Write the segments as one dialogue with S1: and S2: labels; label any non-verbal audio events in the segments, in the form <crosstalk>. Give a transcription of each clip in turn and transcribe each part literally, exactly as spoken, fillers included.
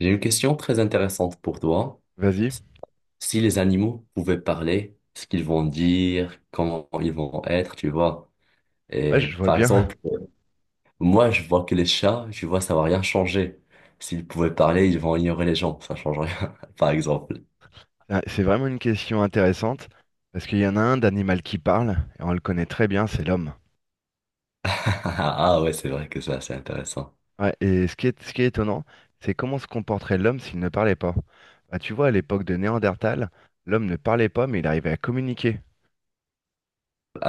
S1: J'ai une question très intéressante pour toi.
S2: Vas-y.
S1: Si les animaux pouvaient parler, ce qu'ils vont dire, comment ils vont être, tu vois.
S2: Ouais,
S1: Et
S2: je vois
S1: par
S2: bien.
S1: exemple, moi, je vois que les chats, tu vois, ça va rien changer. S'ils pouvaient parler, ils vont ignorer les gens, ça change rien, <laughs> par exemple. <laughs>
S2: Ah, c'est vraiment une question intéressante parce qu'il y en a un d'animal qui parle et on le connaît très bien, c'est l'homme.
S1: Ah ouais, c'est vrai que ça, c'est intéressant.
S2: Ouais, et ce qui est, ce qui est étonnant, c'est comment se comporterait l'homme s'il ne parlait pas. Bah, tu vois, à l'époque de Néandertal, l'homme ne parlait pas mais il arrivait à communiquer,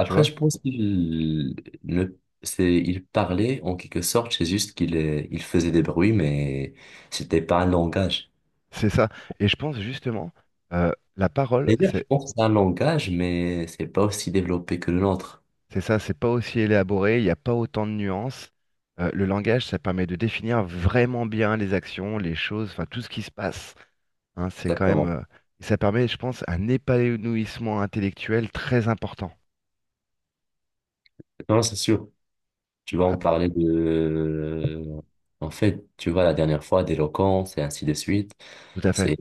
S2: tu vois.
S1: je pense qu'il ne, c'est, il parlait en quelque sorte, c'est juste qu'il euh, il faisait des bruits, mais c'était pas un langage.
S2: C'est ça. Et je pense justement, euh, la parole,
S1: D'ailleurs, je
S2: c'est
S1: pense que c'est un langage, mais c'est pas aussi développé que le nôtre.
S2: c'est ça, c'est pas aussi élaboré, il n'y a pas autant de nuances. Euh, le langage, ça permet de définir vraiment bien les actions, les choses, enfin tout ce qui se passe, hein. C'est quand même,
S1: Exactement.
S2: euh, et ça permet, je pense, un épanouissement intellectuel très important.
S1: Non, c'est sûr. Tu vois, on
S2: Ah,
S1: parlait de... euh, En fait, tu vois, la dernière fois, d'éloquence et ainsi de suite.
S2: tout à fait.
S1: C'est...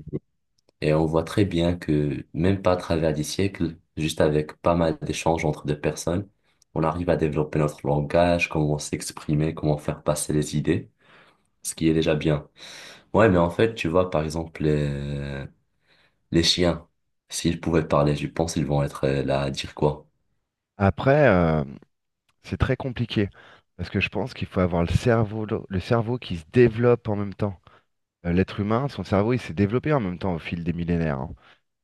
S1: Et on voit très bien que, même pas à travers des siècles, juste avec pas mal d'échanges entre deux personnes, on arrive à développer notre langage, comment s'exprimer, comment faire passer les idées, ce qui est déjà bien. Ouais, mais en fait, tu vois, par exemple, les, les chiens, s'ils pouvaient parler, je pense qu'ils vont être euh, là à dire quoi?
S2: Après, euh, c'est très compliqué parce que je pense qu'il faut avoir le cerveau, le cerveau qui se développe en même temps. Euh, L'être humain, son cerveau, il s'est développé en même temps au fil des millénaires, hein.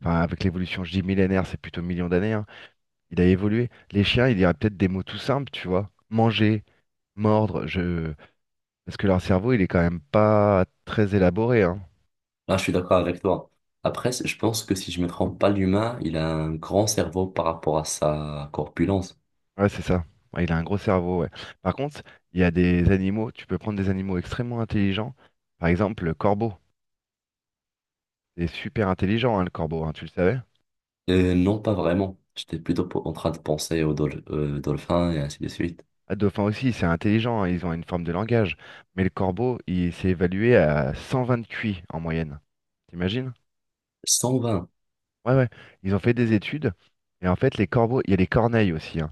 S2: Enfin, avec l'évolution, je dis millénaire, c'est plutôt millions d'années, hein. Il a évolué. Les chiens, il y aurait peut-être des mots tout simples, tu vois. Manger, mordre, je... parce que leur cerveau, il est quand même pas très élaboré, hein.
S1: Ah, je suis d'accord avec toi. Après, c- je pense que si je me trompe pas, l'humain, il a un grand cerveau par rapport à sa corpulence.
S2: Ouais, c'est ça. Ouais, il a un gros cerveau, ouais. Par contre, il y a des animaux, tu peux prendre des animaux extrêmement intelligents. Par exemple, le corbeau. C'est super intelligent, hein, le corbeau, hein, tu le savais?
S1: Euh, non, pas vraiment. J'étais plutôt po- en train de penser aux dol- euh, dolphins et ainsi de suite.
S2: Ah, le dauphin aussi, c'est intelligent, hein, ils ont une forme de langage. Mais le corbeau, il s'est évalué à cent vingt Q I en moyenne. T'imagines?
S1: cent vingt.
S2: Ouais, ouais. Ils ont fait des études. Et en fait, les corbeaux, il y a les corneilles aussi, hein.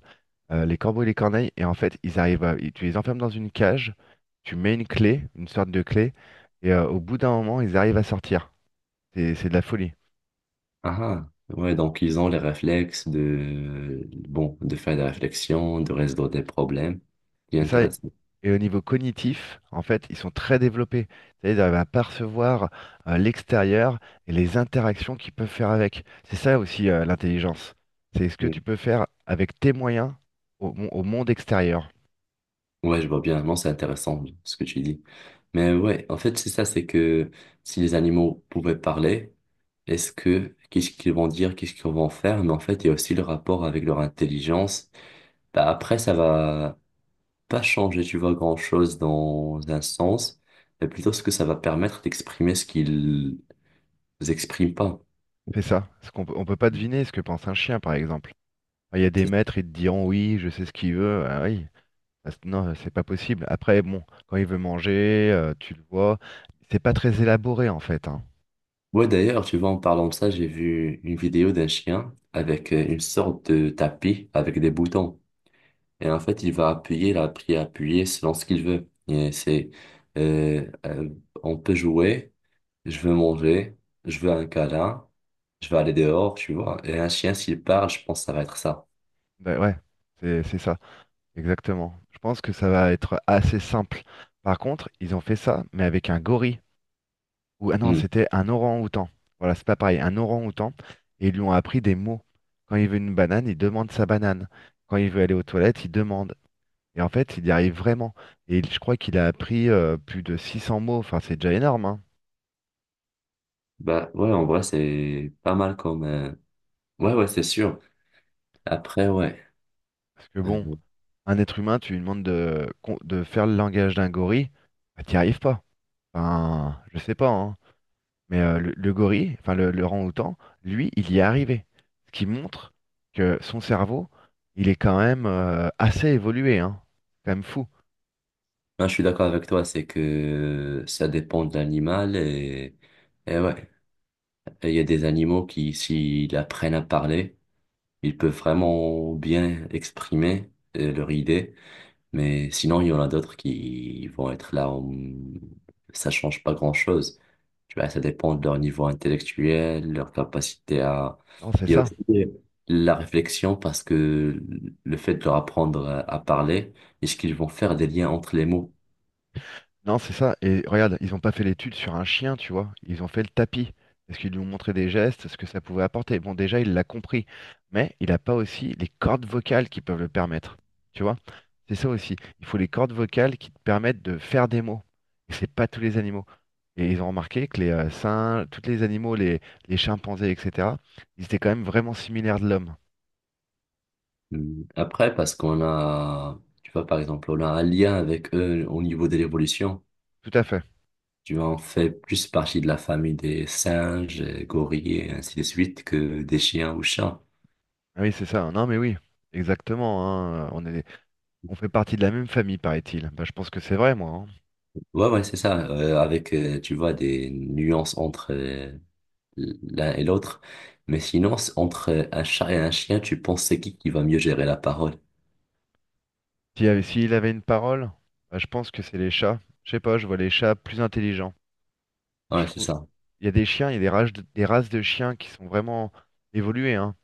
S2: Euh, les corbeaux et les corneilles, et en fait, ils arrivent à... Tu les enfermes dans une cage, tu mets une clé, une sorte de clé, et euh, au bout d'un moment, ils arrivent à sortir. C'est c'est de la folie.
S1: Ah, ah. Ouais, donc ils ont les réflexes de, bon, de faire des réflexions, de résoudre des problèmes. C'est
S2: C'est ça.
S1: intéressant.
S2: Et au niveau cognitif, en fait, ils sont très développés. C'est-à-dire, ils arrivent à percevoir euh, l'extérieur et les interactions qu'ils peuvent faire avec. C'est ça aussi euh, l'intelligence. C'est ce que tu peux faire avec tes moyens au, mon- au monde extérieur.
S1: Ouais, je vois bien. Non, c'est intéressant ce que tu dis. Mais ouais, en fait, c'est ça, c'est que si les animaux pouvaient parler, est-ce que qu'est-ce qu'ils vont dire, qu'est-ce qu'ils vont faire? Mais en fait, il y a aussi le rapport avec leur intelligence. Bah, après, ça va pas changer, tu vois, grand-chose dans un sens, mais plutôt ce que ça va permettre d'exprimer ce qu'ils expriment pas.
S2: C'est ça. Ce qu'on peut- on peut pas deviner ce que pense un chien, par exemple. Il y a des
S1: C'est...
S2: maîtres, ils te diront oui, je sais ce qu'il veut. Ah oui. Ah, c'est- non, c'est pas possible. Après, bon, quand il veut manger, euh, tu le vois. C'est pas très élaboré, en fait, hein.
S1: Ouais, d'ailleurs, tu vois, en parlant de ça, j'ai vu une vidéo d'un chien avec euh, une sorte de tapis avec des boutons. Et en fait, il va appuyer, la appuyer, appuyer selon ce qu'il veut. Et c'est, euh, euh, on peut jouer, je veux manger, je veux un câlin, je veux aller dehors, tu vois. Et un chien, s'il parle, je pense que ça va être ça.
S2: Ben ouais, c'est c'est ça. Exactement. Je pense que ça va être assez simple. Par contre, ils ont fait ça, mais avec un gorille. Ou ah non,
S1: Hmm.
S2: c'était un orang-outan. Voilà, c'est pas pareil, un orang-outan. Et ils lui ont appris des mots. Quand il veut une banane, il demande sa banane. Quand il veut aller aux toilettes, il demande. Et en fait, il y arrive vraiment. Et il- je crois qu'il a appris euh, plus de six cents mots. Enfin, c'est déjà énorme, hein.
S1: Bah ouais, en vrai, c'est pas mal comme... euh, Ouais, ouais, c'est sûr. Après, ouais.
S2: Parce que bon,
S1: euh,
S2: un être humain, tu lui demandes de, con- de faire le langage d'un gorille, bah, t'y arrives pas. Enfin, je sais pas, hein. Mais euh, le, le gorille, enfin le, le orang-outan, lui, il y est arrivé. Ce qui montre que son cerveau, il est quand même euh, assez évolué, hein. C'est quand même fou.
S1: Moi, je suis d'accord avec toi, c'est que ça dépend de l'animal. Et, et ouais, et il y a des animaux qui, s'ils apprennent à parler, ils peuvent vraiment bien exprimer euh, leur idée, mais sinon, il y en a d'autres qui vont être là, en- Ça change pas grand-chose. Tu vois, ça dépend de leur niveau intellectuel, leur capacité à...
S2: Non, c'est
S1: Il y a
S2: ça.
S1: aussi la réflexion parce que le fait de leur apprendre à à parler, est-ce qu'ils vont faire des liens entre les mots?
S2: Non, c'est ça. Et regarde, ils n'ont pas fait l'étude sur un chien, tu vois. Ils ont fait le tapis. Parce qu'ils lui ont montré des gestes, ce que ça pouvait apporter. Bon, déjà, il l'a compris. Mais il n'a pas aussi les cordes vocales qui peuvent le permettre. Tu vois? C'est ça aussi. Il faut les cordes vocales qui te permettent de faire des mots. Et c'est pas tous les animaux. Et ils ont remarqué que les euh, singes, tous les animaux, les, les chimpanzés, et cetera, ils étaient quand même vraiment similaires de l'homme.
S1: Hmm. Après, parce qu'on a, tu vois, par exemple, on a un lien avec eux au niveau de l'évolution.
S2: Tout à fait.
S1: Tu en fais plus partie de la famille des singes, euh, gorilles, et ainsi de suite, que des chiens ou chats.
S2: Ah oui, c'est ça. Non, mais oui, exactement, hein. On est, on fait partie de la même famille, paraît-il. Bah, je pense que c'est vrai, moi, hein.
S1: Ouais, ouais, c'est ça. Euh, avec, euh, tu vois, des nuances entre euh, l'un et l'autre. Mais sinon, c'est entre euh, un chat et un chien, tu penses c'est qui qui va mieux gérer la parole?
S2: S'il avait, s'il avait une parole, bah, je pense que c'est les chats. Je sais pas, je vois les chats plus intelligents. Je
S1: Ouais, c'est
S2: trouve,
S1: ça.
S2: il y a des chiens, il y a des races de, des races de chiens qui sont vraiment évoluées, hein,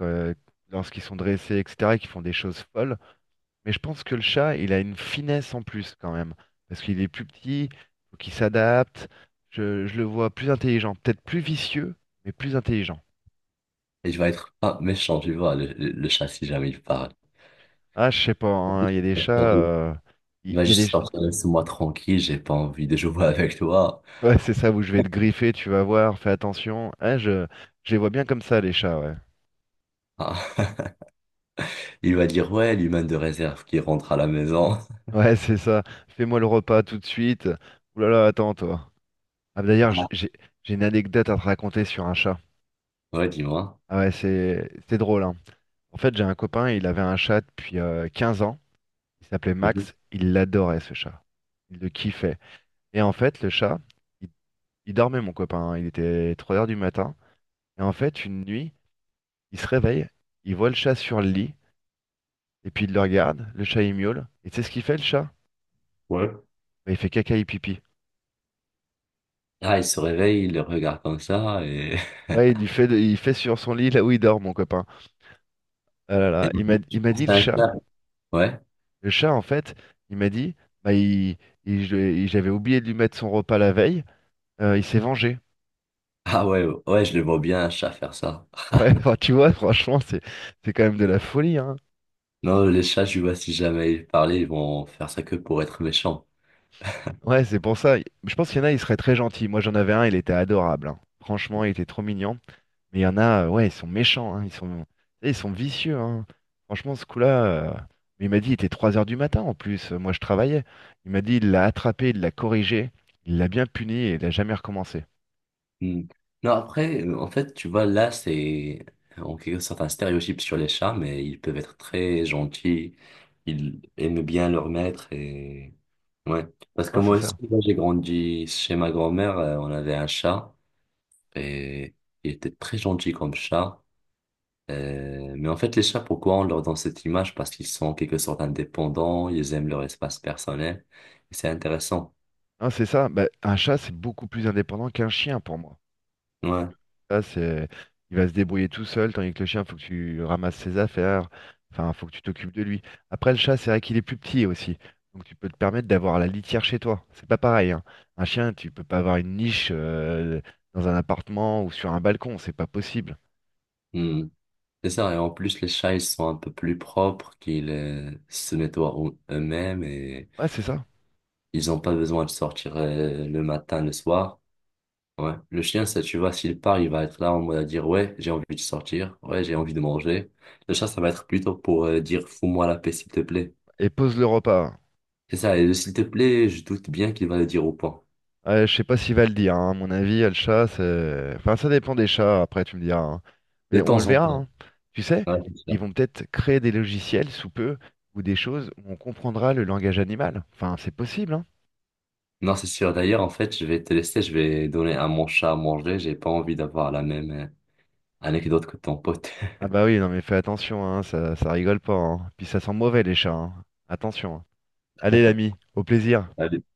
S2: euh, lorsqu'ils sont dressés, et cetera, et qui font des choses folles. Mais je pense que le chat, il a une finesse en plus quand même, parce qu'il est plus petit, faut qu'il s'adapte. Je, je le vois plus intelligent, peut-être plus vicieux, mais plus intelligent.
S1: Et je vais être pas méchant, tu vois, le, le- le chat, si jamais il parle.
S2: Ah, je sais pas, hein, il y a des chats, euh, il
S1: Il va
S2: il y a des...
S1: juste sortir, laisse-moi tranquille, j'ai pas envie de jouer <laughs> avec toi.
S2: Ouais, c'est ça où je vais te griffer, tu vas voir, fais attention. Ouais, je, je les vois bien comme ça, les chats, ouais. <laughs>
S1: Ah. <laughs> Il va dire, ouais, l'humain de réserve qui rentre à la maison.
S2: Ouais, c'est ça. Fais-moi le repas tout de suite. Ouh là là, attends, toi. Ah, bah, d'ailleurs, j- j'ai j'ai une anecdote à te raconter sur un chat.
S1: Ouais, dis-moi.
S2: Ah ouais, c'est c'est drôle, hein. En fait, j'ai un copain, il avait un chat depuis euh, 15 ans. Il s'appelait
S1: Mhm.
S2: Max. Il l'adorait, ce chat. Il le kiffait. Et en fait, le chat, il, il dormait, mon copain, hein. Il était trois heures du matin. Et en fait, une nuit, il se réveille, il voit le chat sur le lit. Et puis il le regarde, le chat il miaule. Et tu sais ce qu'il fait le chat?
S1: Ouais.
S2: Bah, il fait caca et pipi.
S1: Ah, il se réveille, il le regarde comme ça et...
S2: Ouais, il lui fait, il fait sur son lit là où il dort, mon copain. Ah là là, il
S1: <laughs> Et
S2: m'a,
S1: je
S2: il m'a
S1: pense
S2: dit le
S1: à un
S2: chat.
S1: chat. Ouais.
S2: Le chat, en fait, il m'a dit, bah, il, il- je- il- j'avais oublié de lui mettre son repas la veille. euh, il s'est vengé.
S1: Ah ouais, ouais, je le vois bien un chat faire ça.
S2: Ouais, <laughs> enfin, tu vois, franchement, c'est, c'est quand même de la folie, hein.
S1: Non, les chats, je vois si jamais ils parlaient, ils vont faire ça que pour être méchants.
S2: Ouais, c'est pour ça. Je pense qu'il y en a, il serait très gentil. Moi, j'en avais un, il était adorable, hein. Franchement, il était trop mignon. Mais il y en a, euh, ouais, ils sont méchants, hein, ils sont, ils sont vicieux, hein. Franchement, ce coup-là, euh, mais il m'a dit, il était trois heures du matin en plus, euh, moi je travaillais. Il m'a dit, il l'a attrapé, il l'a corrigé, il l'a bien puni et il n'a jamais recommencé.
S1: Hmm. Non, après, euh, en fait, tu vois, là, c'est en quelque sorte un stéréotype sur les chats, mais ils peuvent être très gentils. Ils aiment bien leur maître et... Ouais. Parce que
S2: Hein, c'est
S1: moi aussi,
S2: ça.
S1: moi, j'ai grandi chez ma grand-mère, euh, on avait un chat. Et il était très gentil comme chat. Euh, mais en fait, les chats, pourquoi on leur donne cette image? Parce qu'ils sont en quelque sorte indépendants, ils aiment leur espace personnel. Et c'est intéressant.
S2: Hein, c'est ça. Bah, un chat, c'est beaucoup plus indépendant qu'un chien pour moi.
S1: Ouais.
S2: Ça, c'est... Il va se débrouiller tout seul, tandis que le chien, faut que tu ramasses ses affaires. Enfin, faut que tu t'occupes de lui. Après, le chat, c'est vrai qu'il est plus petit aussi. Donc, tu peux te permettre d'avoir la litière chez toi. C'est pas pareil, hein. Un chien, tu peux pas avoir une niche euh, dans un appartement ou sur un balcon. C'est pas possible.
S1: Hmm. C'est ça. Et en plus, les chats, ils sont un peu plus propres, qu'ils euh, se nettoient eux- eux-mêmes et
S2: Ouais, c'est ça.
S1: ils n'ont pas besoin de sortir euh, le matin, le soir. Ouais. Le chien, ça, tu vois, s'il part, il va être là en mode à dire, ouais, j'ai envie de sortir, ouais, j'ai envie de manger. Le chat, ça va être plutôt pour euh, dire, fous-moi la paix, s'il te plaît.
S2: Et pose le repas.
S1: C'est ça, et le s'il te plaît, je doute bien qu'il va le dire au point.
S2: Ouais, je sais pas s'il va le dire, hein. À mon avis, le chat, c'est... Enfin, ça dépend des chats, après, tu me diras, hein.
S1: De
S2: Mais on le
S1: temps en
S2: verra,
S1: temps.
S2: hein. Tu sais,
S1: Ouais, c'est
S2: ils
S1: sûr.
S2: vont peut-être créer des logiciels sous peu, ou des choses où on comprendra le langage animal. Enfin, c'est possible, hein.
S1: Non, c'est sûr. D'ailleurs, en fait, je vais te laisser, je vais donner à mon chat à manger. J'ai pas envie d'avoir la même euh, anecdote que ton pote.
S2: Ah bah oui, non mais fais attention, hein, ça, ça rigole pas, hein. Puis ça sent mauvais les chats, hein. Attention, hein. Allez l'ami, au plaisir.
S1: <laughs> Allez.